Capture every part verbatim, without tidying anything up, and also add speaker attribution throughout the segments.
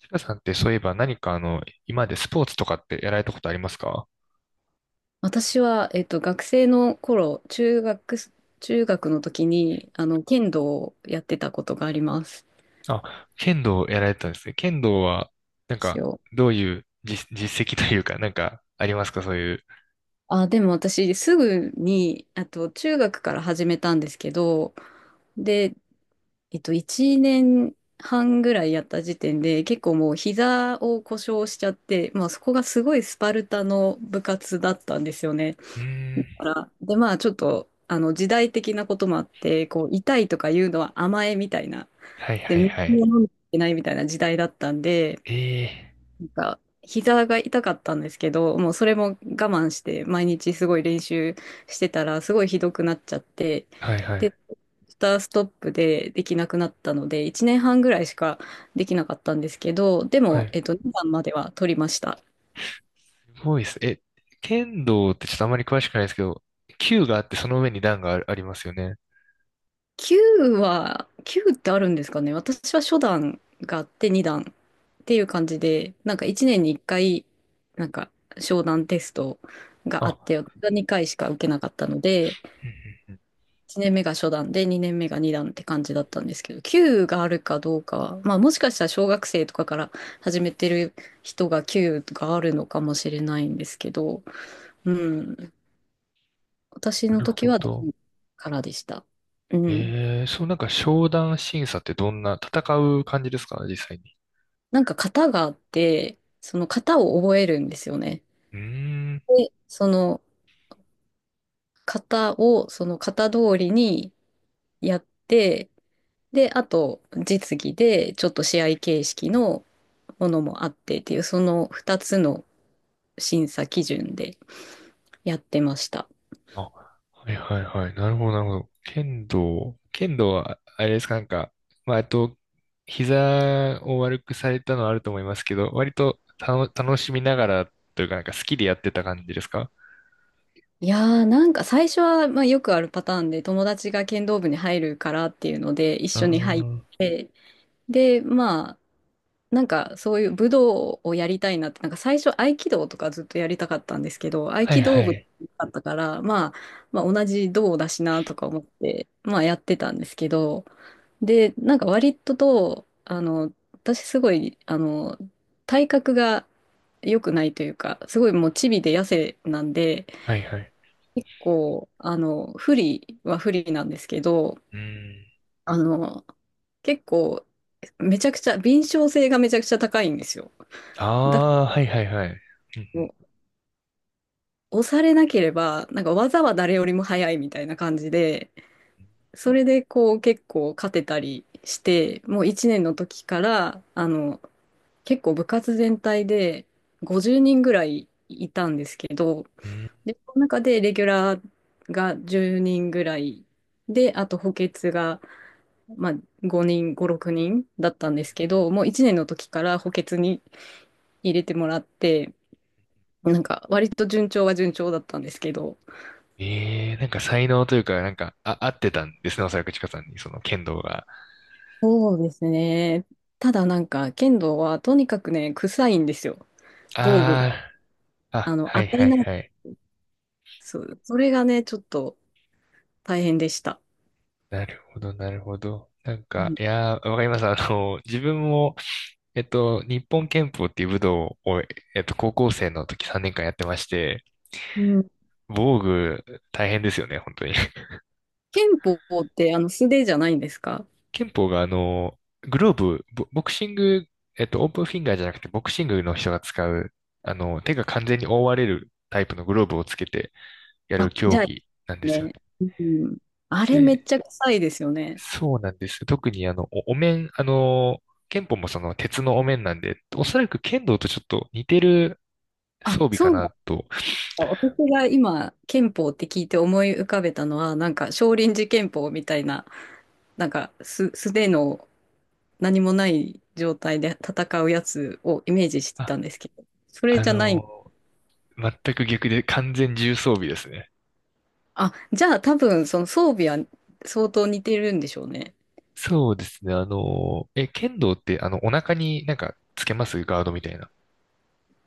Speaker 1: ちかさんってそういえば何かあの、今までスポーツとかってやられたことありますか？
Speaker 2: 私は、えっと、学生の頃、中学、中学の時に、あの、剣道をやってたことがありますで
Speaker 1: あ、剣道をやられてたんですね。剣道は、なん
Speaker 2: す
Speaker 1: か、
Speaker 2: よ。
Speaker 1: どういう実、実績というか、なんか、ありますかそういう。
Speaker 2: あ、でも私、すぐに、あと、中学から始めたんですけど、で、えっと、いちねんはんぐらいやった時点で、結構もう膝を故障しちゃって、まあ、そこがすごいスパルタの部活だったんですよね。
Speaker 1: うー
Speaker 2: だか
Speaker 1: ん。
Speaker 2: ら、で、まあ、ちょっと、あの、時代的なこともあって、こう、痛いとかいうのは甘えみたいな。
Speaker 1: はい
Speaker 2: で、
Speaker 1: はい
Speaker 2: 水
Speaker 1: はい。
Speaker 2: を飲んでいけないみたいな時代だったんで、
Speaker 1: ええ
Speaker 2: なんか、膝が痛かったんですけど、もうそれも我慢して、毎日すごい練習してたら、すごいひどくなっちゃって、
Speaker 1: はいはい。
Speaker 2: で、スターストップでできなくなったので、いちねんはんぐらいしかできなかったんですけど、で
Speaker 1: は
Speaker 2: も、
Speaker 1: い。
Speaker 2: えっと、にばんまでは取りました。
Speaker 1: すごいです。え、剣道ってちょっとあまり詳しくないですけど、球があってその上に段があ、ありますよね。
Speaker 2: きゅうは、きゅうってあるんですかね。私は初段があってに段っていう感じで、なんかいちねんにいっかい、なんか商談テストがあっ
Speaker 1: あ、
Speaker 2: て、私はにかいしか受けなかったので、
Speaker 1: うんうんうん
Speaker 2: いちねんめが初段でにねんめがに段って感じだったんですけど、きゅうがあるかどうかは、まあもしかしたら小学生とかから始めてる人がきゅうがあるのかもしれないんですけど、うん、私
Speaker 1: な
Speaker 2: の
Speaker 1: るほ
Speaker 2: 時は段
Speaker 1: ど。
Speaker 2: からでした。うん。
Speaker 1: えー、そうなんか商談審査ってどんな、戦う感じですか、実際に。
Speaker 2: なんか型があって、その型を覚えるんですよね。
Speaker 1: うーん。
Speaker 2: で、その型をその型通りにやって、で、あと実技でちょっと試合形式のものもあってっていう、そのふたつの審査基準でやってました。
Speaker 1: あ、はいはいはい。なるほどなるほど。剣道、剣道は、あれですか、なんか、まあ、えっと、膝を悪くされたのはあると思いますけど、割とたの楽しみながらというか、なんか好きでやってた感じですか？
Speaker 2: いやーなんか最初は、まあ、よくあるパターンで友達が剣道部に入るからっていうので一
Speaker 1: ああ
Speaker 2: 緒に入って、
Speaker 1: ー、
Speaker 2: でまなんかそういう武道をやりたいなって、なんか最初合気道とかずっとやりたかったんですけど、合
Speaker 1: はい
Speaker 2: 気
Speaker 1: は
Speaker 2: 道部
Speaker 1: い。
Speaker 2: だったから、まあ、まあ同じ道だしなとか思って、まあやってたんですけど、で、なんか割とと、あの、私すごい、あの、体格が良くないというか、すごいもうチビで痩せなんで、
Speaker 1: はいはい。
Speaker 2: 結構、あの、不利は不利なんですけど、
Speaker 1: うん。
Speaker 2: あの、結構、めちゃくちゃ、敏捷性がめちゃくちゃ高いんですよ。だ
Speaker 1: ああ、はいはいはい。う
Speaker 2: こ
Speaker 1: ん
Speaker 2: う押されなければ、なんか技は誰よりも早いみたいな感じで、それでこう結構勝てたりして、もういちねんの時から、あの、結構部活全体でごじゅうにんぐらいいたんですけど、
Speaker 1: うん。うん。
Speaker 2: で、その中でレギュラーがじゅうにんぐらいで、あと補欠が、まあ、ごにん、ご、ろくにんだったんですけど、もういちねんの時から補欠に入れてもらって、なんか割と順調は順調だったんですけど、
Speaker 1: ええー、なんか才能というか、なんか、あ、合ってたんですね、おそらくちかさんに、その剣道が。
Speaker 2: そうですね。ただなんか、剣道はとにかくね、臭いんですよ。防具が。
Speaker 1: ああ、
Speaker 2: あ
Speaker 1: あ、
Speaker 2: の、
Speaker 1: は
Speaker 2: 当
Speaker 1: い
Speaker 2: たり
Speaker 1: はい
Speaker 2: ない。
Speaker 1: はい。
Speaker 2: そう、それがね、ちょっと大変でした。
Speaker 1: なるほど、なるほど。なん
Speaker 2: う
Speaker 1: か、
Speaker 2: ん。
Speaker 1: いやー、わかります。あの、自分も、えっと、日本拳法っていう武道を、えっと、高校生の時さんねんかんやってまして、
Speaker 2: うん。
Speaker 1: 防具、大変ですよね、本当に。
Speaker 2: 剣法って、あの、素手じゃないんですか？
Speaker 1: 拳法が、あの、グローブ、ボ、ボクシング、えっと、オープンフィンガーじゃなくて、ボクシングの人が使う、あの、手が完全に覆われるタイプのグローブをつけてやる
Speaker 2: あ、じ
Speaker 1: 競
Speaker 2: ゃあ、
Speaker 1: 技なんですよ
Speaker 2: ね。うん。あれめっ
Speaker 1: ね。
Speaker 2: ちゃ臭いですよね。
Speaker 1: そうなんです。特にあの、お、お面、あの、剣法もその鉄のお面なんで、おそらく剣道とちょっと似てる装
Speaker 2: あ、
Speaker 1: 備
Speaker 2: そ
Speaker 1: か
Speaker 2: うな
Speaker 1: な
Speaker 2: ん
Speaker 1: と。
Speaker 2: ですか。私が今、剣法って聞いて思い浮かべたのは、なんか、少林寺拳法みたいな、なんか、す素手の何もない状態で戦うやつをイメージして
Speaker 1: あ、
Speaker 2: たんですけど、それ
Speaker 1: あ
Speaker 2: じゃない。
Speaker 1: の、全く逆で完全重装備ですね。
Speaker 2: あ、じゃあ多分その装備は相当似てるんでしょうね。
Speaker 1: そうですね。あの、え、剣道ってあの、お腹になんかつけますガードみたいな。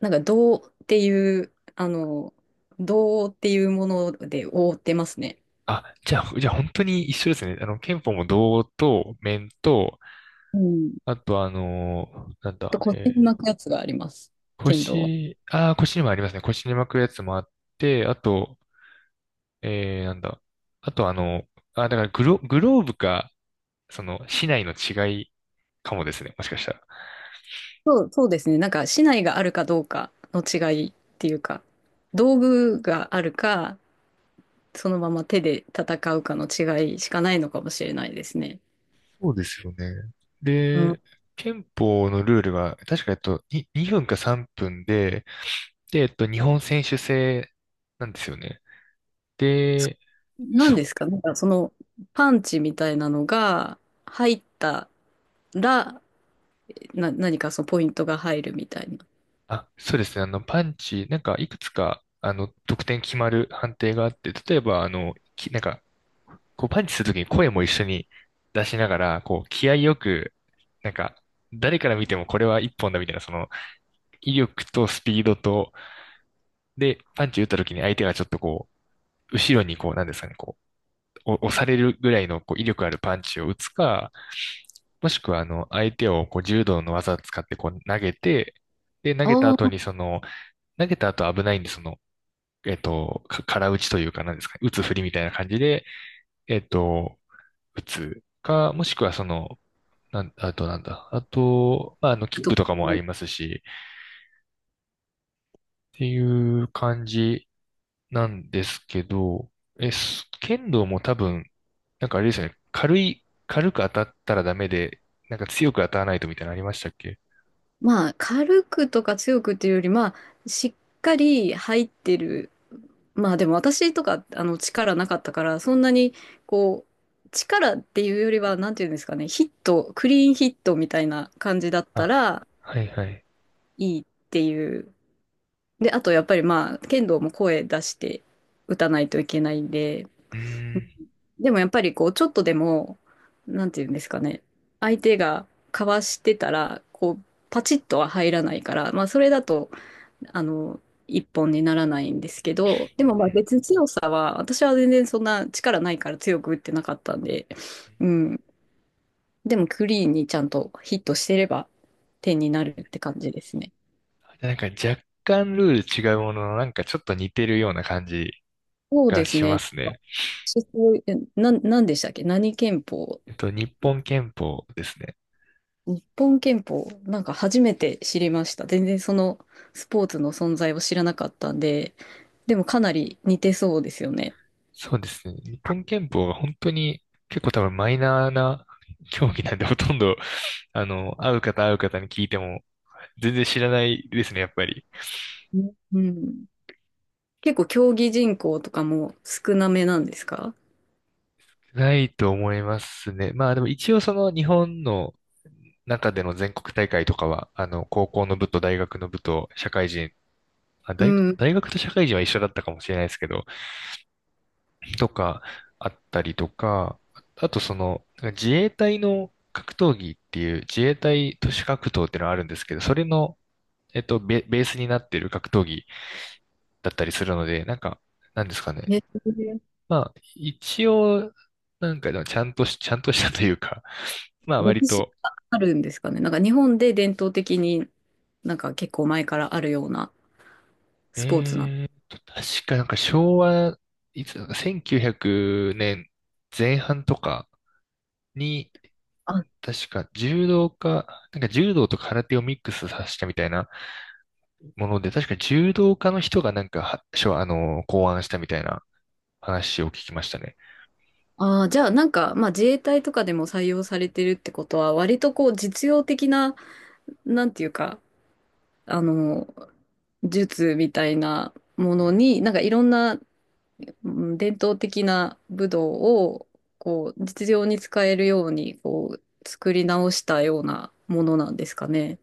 Speaker 2: なんか銅っていう、あの、銅っていうもので覆ってますね。
Speaker 1: あ、じゃあ、じゃあ本当に一緒ですね。あの、剣法も胴と面と、
Speaker 2: うん。
Speaker 1: あとあの、なん
Speaker 2: と、
Speaker 1: だ、
Speaker 2: 腰に
Speaker 1: え
Speaker 2: 巻
Speaker 1: ー
Speaker 2: くやつがあります。剣道は。
Speaker 1: 腰、あー、腰にもありますね。腰に巻くやつもあって、あと、えー、なんだ。あとあの、あ、だからグロ、グローブか、その、市内の違いかもですね。もしかしたら。
Speaker 2: そう、そうですね。なんか、竹刀があるかどうかの違いっていうか、道具があるか、そのまま手で戦うかの違いしかないのかもしれないですね。
Speaker 1: そうですよね。
Speaker 2: うん。
Speaker 1: で、憲法のルールは確か、えっと、ににふんかさんぷんで、で、えっと、日本選手制なんですよね。で、
Speaker 2: 何
Speaker 1: そ、
Speaker 2: ですか？なんかそのパンチみたいなのが入ったら、な、何かそのポイントが入るみたいな。
Speaker 1: あ、そうですね。あの、パンチ、なんか、いくつか、あの、得点決まる判定があって、例えば、あの、き、なんか、こうパンチするときに声も一緒に出しながら、こう気合よく、なんか、誰から見てもこれは一本だみたいな、その威力とスピードと、で、パンチ打ったときに相手がちょっとこう、後ろにこう、なんですかね、こう、お押されるぐらいのこう威力あるパンチを打つか、もしくはあの、相手をこう柔道の技を使ってこう投げて、で、投げた
Speaker 2: あ
Speaker 1: 後
Speaker 2: あ、
Speaker 1: にその、投げた後危ないんで、その、えっと、か空打ちというか、なんですかね、打つ振りみたいな感じで、えっと、打つか、もしくはその、なん、あとなんだ。あと、まあ、あの、キック
Speaker 2: と
Speaker 1: とかもあ
Speaker 2: はい
Speaker 1: りますし、っていう感じなんですけど、え、す剣道も多分、なんかあれですよね。軽い、軽く当たったらダメで、なんか強く当たらないとみたいなのありましたっけ？
Speaker 2: まあ、軽くとか強くっていうより、まあ、しっかり入ってる。まあ、でも私とか、あの、力なかったから、そんなに、こう、力っていうよりは、なんていうんですかね、ヒット、クリーンヒットみたいな感じだった
Speaker 1: あ、
Speaker 2: ら
Speaker 1: はいはい。
Speaker 2: いいっていう。で、あと、やっぱりまあ、剣道も声出して打たないといけないんで、
Speaker 1: うーん。
Speaker 2: でもやっぱりこう、ちょっとでも、なんていうんですかね、相手がかわしてたら、こう、パチッとは入らないから、まあそれだと、あの、一本にならないんですけど、でもまあ別に強さは、私は全然そんな力ないから強く打ってなかったんで、うん。でもクリーンにちゃんとヒットしてれば点になるって感じですね。
Speaker 1: なんか若干ルール違うものの、なんかちょっと似てるような感じ
Speaker 2: そう
Speaker 1: が
Speaker 2: です
Speaker 1: しま
Speaker 2: ね。
Speaker 1: すね。
Speaker 2: そこ、えな、なんでしたっけ何拳法？
Speaker 1: えっと、日本拳法ですね。
Speaker 2: 日本拳法、なんか初めて知りました。全然そのスポーツの存在を知らなかったんで、でもかなり似てそうですよね。
Speaker 1: そうですね。日本拳法は本当に結構多分マイナーな競技なんで、ほとんど、あの、会う方会う方に聞いても全然知らないですね、やっぱり。
Speaker 2: うん。結構競技人口とかも少なめなんですか？
Speaker 1: ないと思いますね。まあでも一応その日本の中での全国大会とかは、あの、高校の部と大学の部と社会人、あ、
Speaker 2: う
Speaker 1: 大学、
Speaker 2: ん。
Speaker 1: 大学と社会人は一緒だったかもしれないですけど、とかあったりとか、あとその、自衛隊の格闘技っていう自衛隊都市格闘っていうのがあるんですけど、それのえっと、ベ、ベースになっている格闘技だったりするので、なんか、なんですかね。
Speaker 2: え、
Speaker 1: まあ、一応、なんか、ちゃんとし、ちゃんとしたというか、まあ、割
Speaker 2: 歴史
Speaker 1: と、
Speaker 2: があるんですかね。なんか日本で伝統的になんか結構前からあるようなスポーツなの。
Speaker 1: えーっと、確かなんか昭和、いつだか、せんきゅうひゃくねんぜんはんとかに、
Speaker 2: あ、
Speaker 1: 確か柔道家、なんか柔道と空手をミックスさせたみたいなもので、確か柔道家の人がなんか、は、しょあの、考案したみたいな話を聞きましたね。
Speaker 2: あー、じゃあなんか、まあ自衛隊とかでも採用されてるってことは、割とこう実用的な、なんていうか、あの、術みたいなものに、なんかいろんな、うん、伝統的な武道を、こう、実用に使えるように、こう、作り直したようなものなんですかね。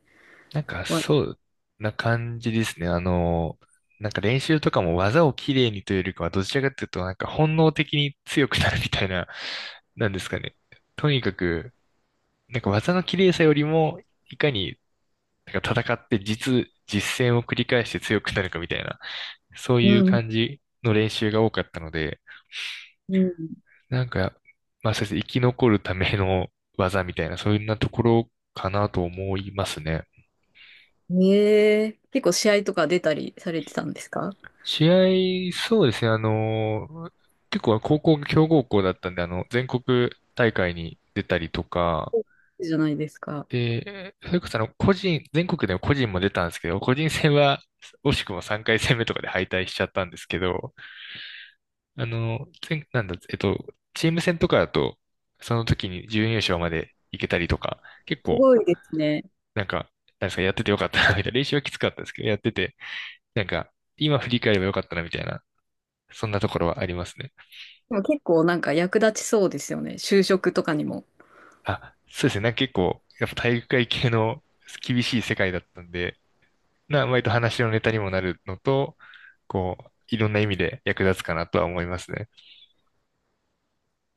Speaker 1: なんか、
Speaker 2: わ。
Speaker 1: そうな感じですね。あの、なんか練習とかも技をきれいにというよりかは、どちらかというと、なんか本能的に強くなるみたいな、なんですかね。とにかく、なんか技の綺麗さよりも、いかに、なんか戦って実、実践を繰り返して強くなるかみたいな、そう
Speaker 2: う
Speaker 1: いう
Speaker 2: ん。
Speaker 1: 感じの練習が多かったので、
Speaker 2: う
Speaker 1: なんか、まあそうですね、生き残るための技みたいな、そういうようなところかなと思いますね。
Speaker 2: ん。ええ、結構試合とか出たりされてたんですか？
Speaker 1: 試合、そうですね、あの、結構高校が強豪校だったんで、あの、全国大会に出たりとか、
Speaker 2: そうじゃないですか。
Speaker 1: で、それこそあの、個人、全国でも個人も出たんですけど、個人戦は惜しくもさんかい戦目とかで敗退しちゃったんですけど、あの、全、なんだ、えっと、チーム戦とかだと、その時に準優勝まで行けたりとか、結
Speaker 2: す
Speaker 1: 構、
Speaker 2: ごいですね。
Speaker 1: なんか、なんですか、やっててよかったな、みたいな、練習はきつかったですけど、やってて、なんか、今振り返ればよかったな、みたいな、そんなところはありますね。
Speaker 2: でも結構なんか役立ちそうですよね。就職とかにも。
Speaker 1: あ、そうですね。なんか結構、やっぱ体育会系の厳しい世界だったんで、な、割と話のネタにもなるのと、こう、いろんな意味で役立つかなとは思いますね。